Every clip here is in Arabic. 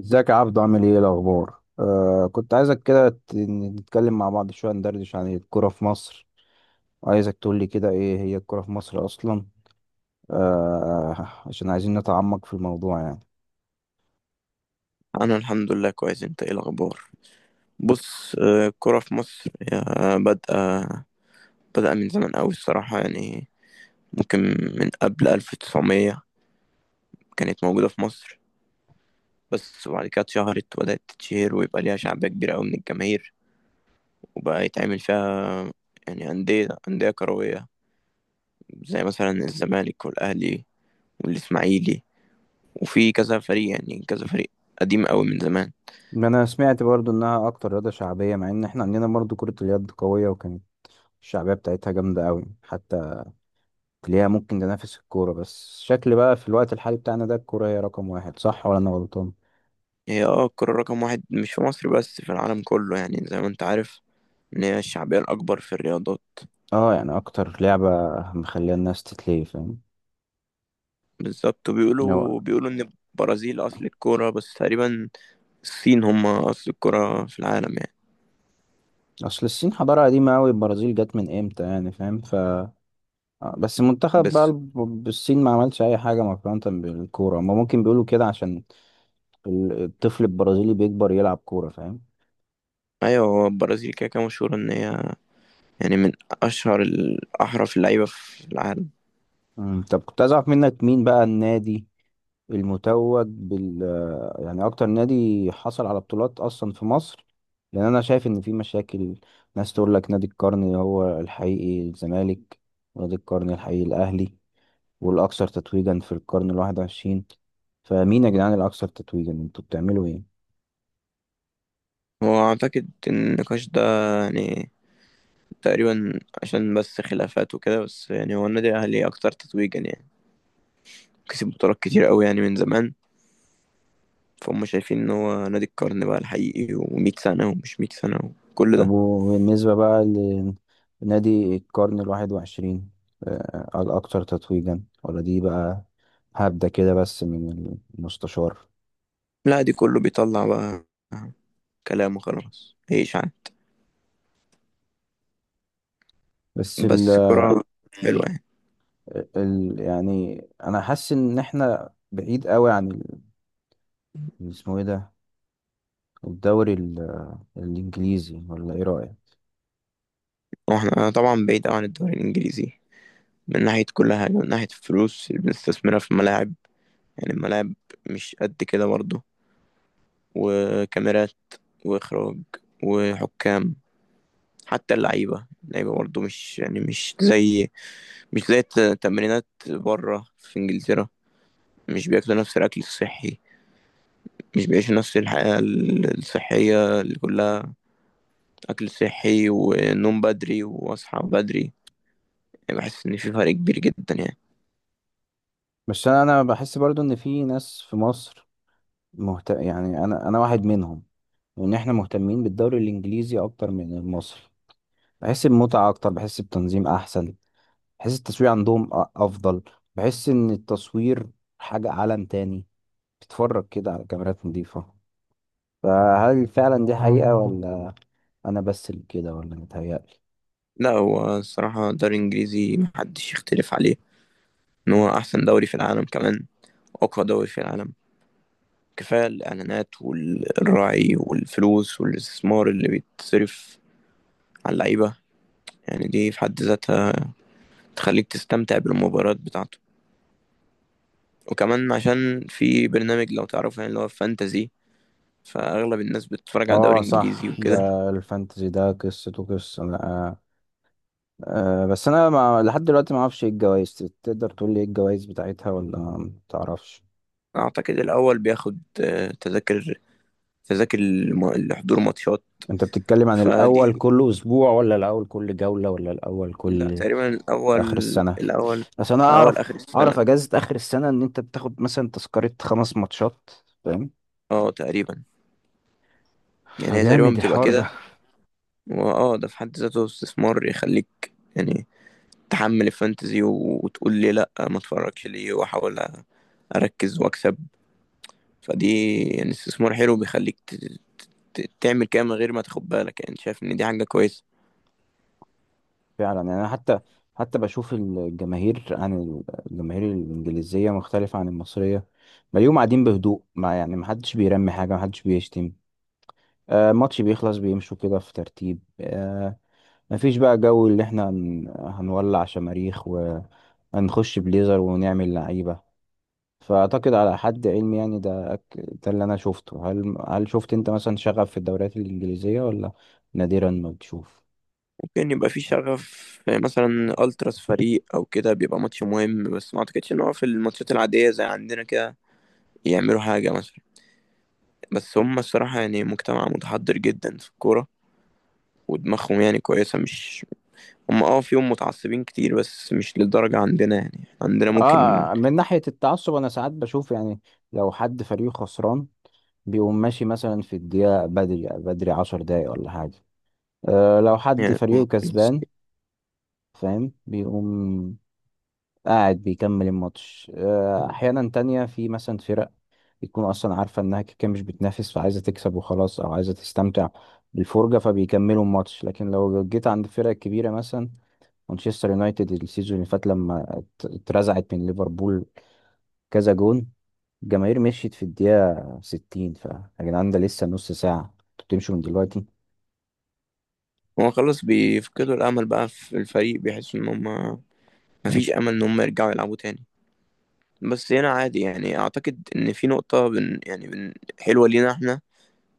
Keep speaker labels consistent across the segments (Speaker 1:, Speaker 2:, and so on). Speaker 1: ازيك يا عبدو؟ عامل ايه؟ إيه الاخبار؟ كنت عايزك كده نتكلم مع بعض شويه، ندردش عن الكوره في مصر. عايزك تقول لي كده ايه هي الكوره في مصر اصلا؟ عشان عايزين نتعمق في الموضوع يعني.
Speaker 2: انا الحمد لله كويس. انت ايه الاخبار؟ بص، الكرة في مصر هي بادئه بدأ من زمان قوي الصراحة، يعني ممكن من قبل 1900 كانت موجودة في مصر. بس وبعد كده اتشهرت وبدأت تتشهر ويبقى ليها شعبية كبيرة قوي من الجماهير، وبقى يتعمل فيها يعني أندية كروية زي مثلا الزمالك والأهلي والإسماعيلي، وفي كذا فريق، يعني كذا فريق قديم قوي من زمان.
Speaker 1: ما انا سمعت برضو انها اكتر رياضه شعبيه، مع ان احنا عندنا برضو كره اليد قويه، وكانت الشعبيه بتاعتها جامده قوي، حتى تلاقيها ممكن تنافس الكوره. بس شكل بقى في الوقت الحالي بتاعنا ده، الكوره هي رقم واحد، صح ولا انا غلطان؟
Speaker 2: هي الكرة رقم واحد مش في مصر بس، في العالم كله، يعني زي ما انت عارف ان هي الشعبية الأكبر في الرياضات.
Speaker 1: اه يعني اكتر لعبه مخليه الناس تتلهي، فاهم.
Speaker 2: بالظبط. وبيقولوا ان البرازيل أصل الكرة، بس تقريبا الصين هم أصل الكرة في العالم يعني.
Speaker 1: اصل الصين حضاره قديمه قوي، البرازيل جت من امتى يعني، فاهم. ف بس المنتخب بقى
Speaker 2: بس
Speaker 1: الصين ما عملش اي حاجه مقارنه بالكوره، هما ممكن بيقولوا كده عشان الطفل البرازيلي بيكبر يلعب كوره، فاهم.
Speaker 2: أيوة، هو البرازيل كده كده مشهورة ان هي يعني من أشهر الأحرف اللعيبة في العالم.
Speaker 1: مم. طب كنت عايز اعرف منك مين بقى النادي المتوج بال، يعني اكتر نادي حصل على بطولات اصلا في مصر. لان انا شايف ان في مشاكل، ناس تقول لك نادي القرن هو الحقيقي الزمالك، ونادي القرن الحقيقي الاهلي، والأكثر تتويجا في القرن الواحد وعشرين. فمين يا جدعان الأكثر تتويجا؟ انتوا بتعملوا ايه؟
Speaker 2: هو أعتقد إن النقاش ده يعني تقريبا عشان بس خلافات وكده، بس يعني هو النادي الأهلي أكتر تتويجا، يعني كسب بطولات كتير أوي يعني من زمان. فهم شايفين ان هو نادي القرن بقى الحقيقي، و100 سنة ومش 100 سنة وكل
Speaker 1: طب
Speaker 2: ده.
Speaker 1: وبالنسبة بقى لنادي القرن الواحد وعشرين، الأكثر تتويجا ولا دي بقى هبدة كده بس من المستشار؟
Speaker 2: لا، دي كله بيطلع بقى كلام وخلاص. ايش عن
Speaker 1: بس ال
Speaker 2: بس كرة حلوة يعني.
Speaker 1: ال يعني أنا حاسس إن إحنا بعيد قوي عن اسمه إيه ده، الدوري الإنجليزي، ولا إيه رأيك؟
Speaker 2: واحنا طبعا بعيد أوي عن الدوري الإنجليزي من ناحية كل حاجة، من ناحية الفلوس اللي بنستثمرها في الملاعب. يعني الملاعب مش قد كده برضه، وكاميرات وإخراج وحكام. حتى اللعيبة برضه مش يعني مش زي التمرينات بره في إنجلترا. مش بياكلوا نفس الأكل الصحي، مش بيعيشوا نفس الحياة الصحية اللي كلها أكل صحي ونوم بدري وأصحى بدري. يعني بحس إن في فرق كبير جدا يعني.
Speaker 1: بس أنا بحس برضو إن في ناس في مصر يعني أنا واحد منهم، وان احنا مهتمين بالدوري الانجليزي اكتر من المصري. بحس بمتعة اكتر، بحس بتنظيم احسن، بحس التصوير عندهم افضل. بحس ان التصوير حاجة عالم تاني، بتتفرج كده على كاميرات نظيفة. فهل فعلا دي حقيقة، ولا انا بس اللي كده ولا متهيألي؟
Speaker 2: لا، هو الصراحة الدوري الإنجليزي محدش يختلف عليه إن هو أحسن دوري في العالم، كمان أقوى دوري في العالم. كفاية الإعلانات والراعي والفلوس والاستثمار اللي بيتصرف على اللعيبة، يعني دي في حد ذاتها تخليك تستمتع بالمباريات بتاعته. وكمان عشان في برنامج، لو تعرفه، يعني اللي هو فانتزي، فأغلب الناس بتتفرج على دوري
Speaker 1: اه
Speaker 2: إنجليزي
Speaker 1: صح، ده
Speaker 2: وكده.
Speaker 1: الفانتزي ده قصته قصة، لا. أه بس انا ما لحد دلوقتي ما اعرفش ايه الجوائز. تقدر تقول لي ايه الجوائز بتاعتها، ولا ما تعرفش؟
Speaker 2: أعتقد الأول بياخد تذاكر لحضور ماتشات.
Speaker 1: انت بتتكلم عن الاول
Speaker 2: فدي،
Speaker 1: كل اسبوع، ولا الاول كل جولة، ولا الاول
Speaker 2: لا،
Speaker 1: كل
Speaker 2: تقريبا الأول
Speaker 1: اخر السنة؟
Speaker 2: الأول
Speaker 1: اصل انا
Speaker 2: أول
Speaker 1: اعرف
Speaker 2: آخر السنة.
Speaker 1: اعرف اجازة اخر السنة ان انت بتاخد مثلا تذكرة خمس ماتشات، فاهم.
Speaker 2: اه تقريبا، يعني هي تقريبا
Speaker 1: فجامد
Speaker 2: بتبقى
Speaker 1: الحوار
Speaker 2: كده.
Speaker 1: ده.
Speaker 2: واه، ده في حد ذاته استثمار يخليك، يعني تحمل الفانتزي وتقول لي لا، ما اتفرجش ليه، واحاول اركز واكسب. فدي يعني استثمار حلو بيخليك تعمل كده من غير ما تاخد بالك، يعني شايف ان دي حاجة كويسة.
Speaker 1: فعلا يعني، انا حتى بشوف الجماهير عن الجماهير الانجليزية مختلفة عن المصرية. بلاقيهم قاعدين بهدوء، ما يعني محدش بيرمي حاجة، محدش بيشتم. آه ماتش بيخلص بيمشوا كده في ترتيب، مفيش بقى جو اللي احنا هنولع شماريخ وهنخش بليزر ونعمل لعيبة. فأعتقد على حد علمي يعني، ده ده اللي أنا شفته. هل شفت أنت مثلا شغف في الدوريات الإنجليزية، ولا نادرا ما بتشوف؟
Speaker 2: ممكن يبقى في شغف، مثلا التراس فريق او كده بيبقى ماتش مهم، بس ما اعتقدش ان هو في الماتشات العاديه زي عندنا كده يعملوا حاجه مثلا. بس هم الصراحه يعني مجتمع متحضر جدا في الكوره، ودماغهم يعني كويسه، مش. هم فيهم متعصبين كتير بس مش للدرجه عندنا، يعني عندنا ممكن.
Speaker 1: آه من ناحية التعصب، أنا ساعات بشوف يعني لو حد فريقه خسران بيقوم ماشي مثلا في الدقيقة بدري بدري 10 دقايق ولا حاجة. آه لو حد
Speaker 2: يعني
Speaker 1: فريقه كسبان، فاهم، بيقوم قاعد بيكمل الماتش. احيانا تانية في مثلا فرق بتكون اصلا عارفه انها كده كده مش بتنافس، فعايزه تكسب وخلاص، او عايزه تستمتع بالفرجه، فبيكملوا الماتش. لكن لو جيت عند الفرق الكبيره مثلا مانشستر يونايتد السيزون اللي فات لما اترزعت من ليفربول كذا جون، الجماهير مشيت في الدقيقه 60. ف يا جدعان ده لسه نص ساعه، انتوا بتمشوا من دلوقتي؟
Speaker 2: هو خلاص بيفقدوا الامل بقى في الفريق، بيحسوا ان هم مفيش امل ان هم يرجعوا يلعبوا تاني. بس هنا عادي يعني. اعتقد ان في نقطه يعني حلوه لينا احنا،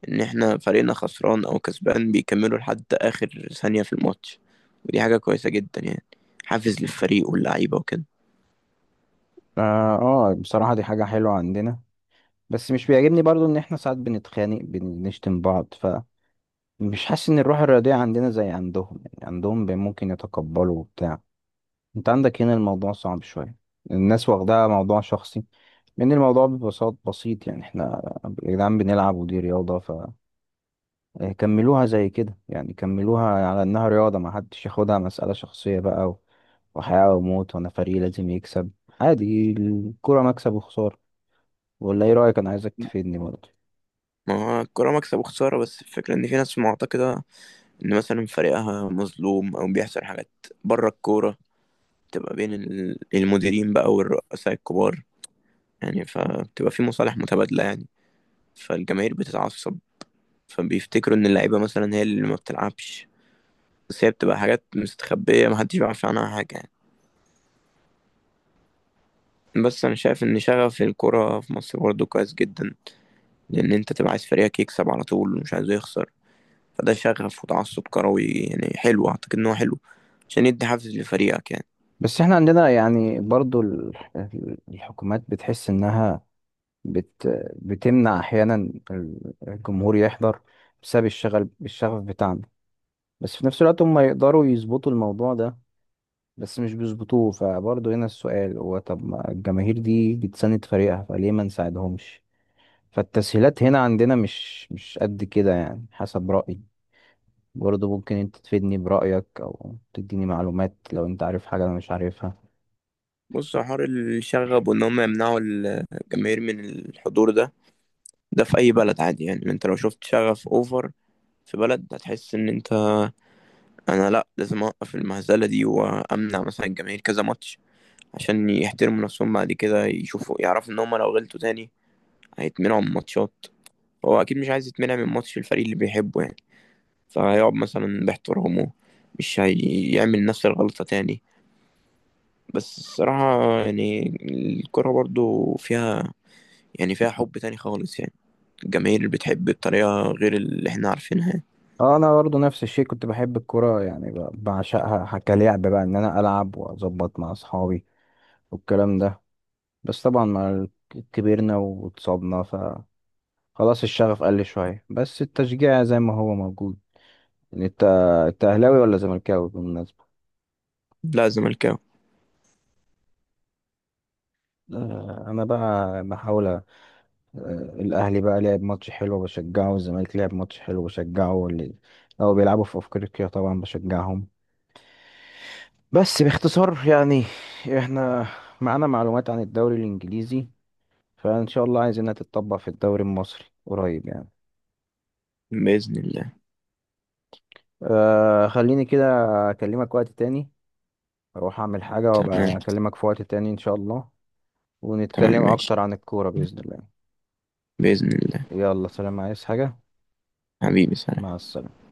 Speaker 2: ان احنا فريقنا خسران او كسبان بيكملوا لحد اخر ثانية في الماتش. ودي حاجة كويسة جدا يعني، حافز للفريق واللعيبة وكده.
Speaker 1: اه. بصراحه دي حاجه حلوه عندنا. بس مش بيعجبني برضو ان احنا ساعات بنتخانق، بنشتم بعض. ف مش حاسس ان الروح الرياضيه عندنا زي عندهم، يعني عندهم ممكن يتقبلوا وبتاع. انت عندك هنا الموضوع صعب شوية، الناس واخداها موضوع شخصي. لأن الموضوع ببساطة بسيط، يعني احنا يا جدعان بنلعب ودي رياضة، فكملوها زي كده يعني، كملوها على إنها رياضة، ما حدش ياخدها مسألة شخصية بقى، وحياة وموت، وأنا فريق لازم يكسب. عادي، الكرة مكسب وخسارة. ولا إيه رأيك؟ أنا عايزك تفيدني برضه.
Speaker 2: ما هو الكورة مكسب وخسارة، بس الفكرة إن في ناس معتقدة إن مثلا فريقها مظلوم أو بيحصل حاجات بره الكورة، بتبقى بين المديرين بقى والرؤساء الكبار يعني. فبتبقى في مصالح متبادلة يعني، فالجماهير بتتعصب، فبيفتكروا إن اللعيبة مثلا هي اللي ما بتلعبش. بس هي بتبقى حاجات مستخبية محدش بيعرف عنها حاجة يعني. بس انا شايف ان شغف الكرة في مصر برضه كويس جدا، لان انت تبقى عايز فريقك يكسب على طول ومش عايزه يخسر. فده شغف وتعصب كروي يعني حلو، اعتقد ان هو حلو عشان يدي حافز لفريقك يعني.
Speaker 1: بس احنا عندنا يعني برضه الحكومات بتحس إنها بت بتمنع احيانا الجمهور يحضر بسبب الشغف بتاعنا. بس في نفس الوقت هم يقدروا يظبطوا الموضوع ده، بس مش بيظبطوه. فبرضه هنا السؤال هو، طب ما الجماهير دي بتساند فريقها، فليه ما نساعدهمش؟ فالتسهيلات هنا عندنا مش قد كده، يعني حسب رأيي. برضه ممكن انت تفيدني برأيك او تديني معلومات لو انت عارف حاجة انا مش عارفها.
Speaker 2: بص، حوار الشغب وان هم يمنعوا الجماهير من الحضور ده، ده في اي بلد عادي يعني. انت لو شفت شغف اوفر في بلد، هتحس ان انت انا، لا، لازم اوقف المهزلة دي وامنع مثلا الجماهير كذا ماتش عشان يحترموا نفسهم. بعد كده يشوفوا، يعرفوا ان هم لو غلطوا تاني هيتمنعوا من ماتشات، هو اكيد مش عايز يتمنع من ماتش الفريق اللي بيحبه يعني. فهيقعد مثلا باحترامه، مش هيعمل نفس الغلطة تاني. بس الصراحة يعني الكرة برضو فيها يعني فيها حب تاني خالص يعني، الجماهير اللي بتحب بطريقة غير اللي احنا عارفينها يعني.
Speaker 1: اه انا برضه نفس الشيء، كنت بحب الكرة، يعني بعشقها. كلعب بقى ان انا العب واظبط مع اصحابي والكلام ده. بس طبعا مع كبرنا واتصابنا، ف خلاص الشغف قل شوية، بس التشجيع زي ما هو موجود. يعني انت، انت اهلاوي ولا زملكاوي بالمناسبة؟
Speaker 2: لا، زملكاوي.
Speaker 1: انا بقى بحاول. الاهلي بقى لعب ماتش حلو بشجعه، والزمالك لعب ماتش حلو بشجعه، واللي لو بيلعبوا في افريقيا طبعا بشجعهم. بس باختصار يعني، احنا معانا معلومات عن الدوري الانجليزي، فان شاء الله عايزينها تتطبق في الدوري المصري قريب يعني.
Speaker 2: بإذن الله.
Speaker 1: خليني كده أكلمك وقت تاني، أروح أعمل حاجة
Speaker 2: تمام.
Speaker 1: وأبقى أكلمك في وقت تاني إن شاء الله.
Speaker 2: تمام
Speaker 1: ونتكلم
Speaker 2: ماشي.
Speaker 1: أكتر عن الكورة بإذن الله.
Speaker 2: بإذن الله.
Speaker 1: يلا سلام، عايز حاجة؟
Speaker 2: حبيبي سلام.
Speaker 1: مع السلامة.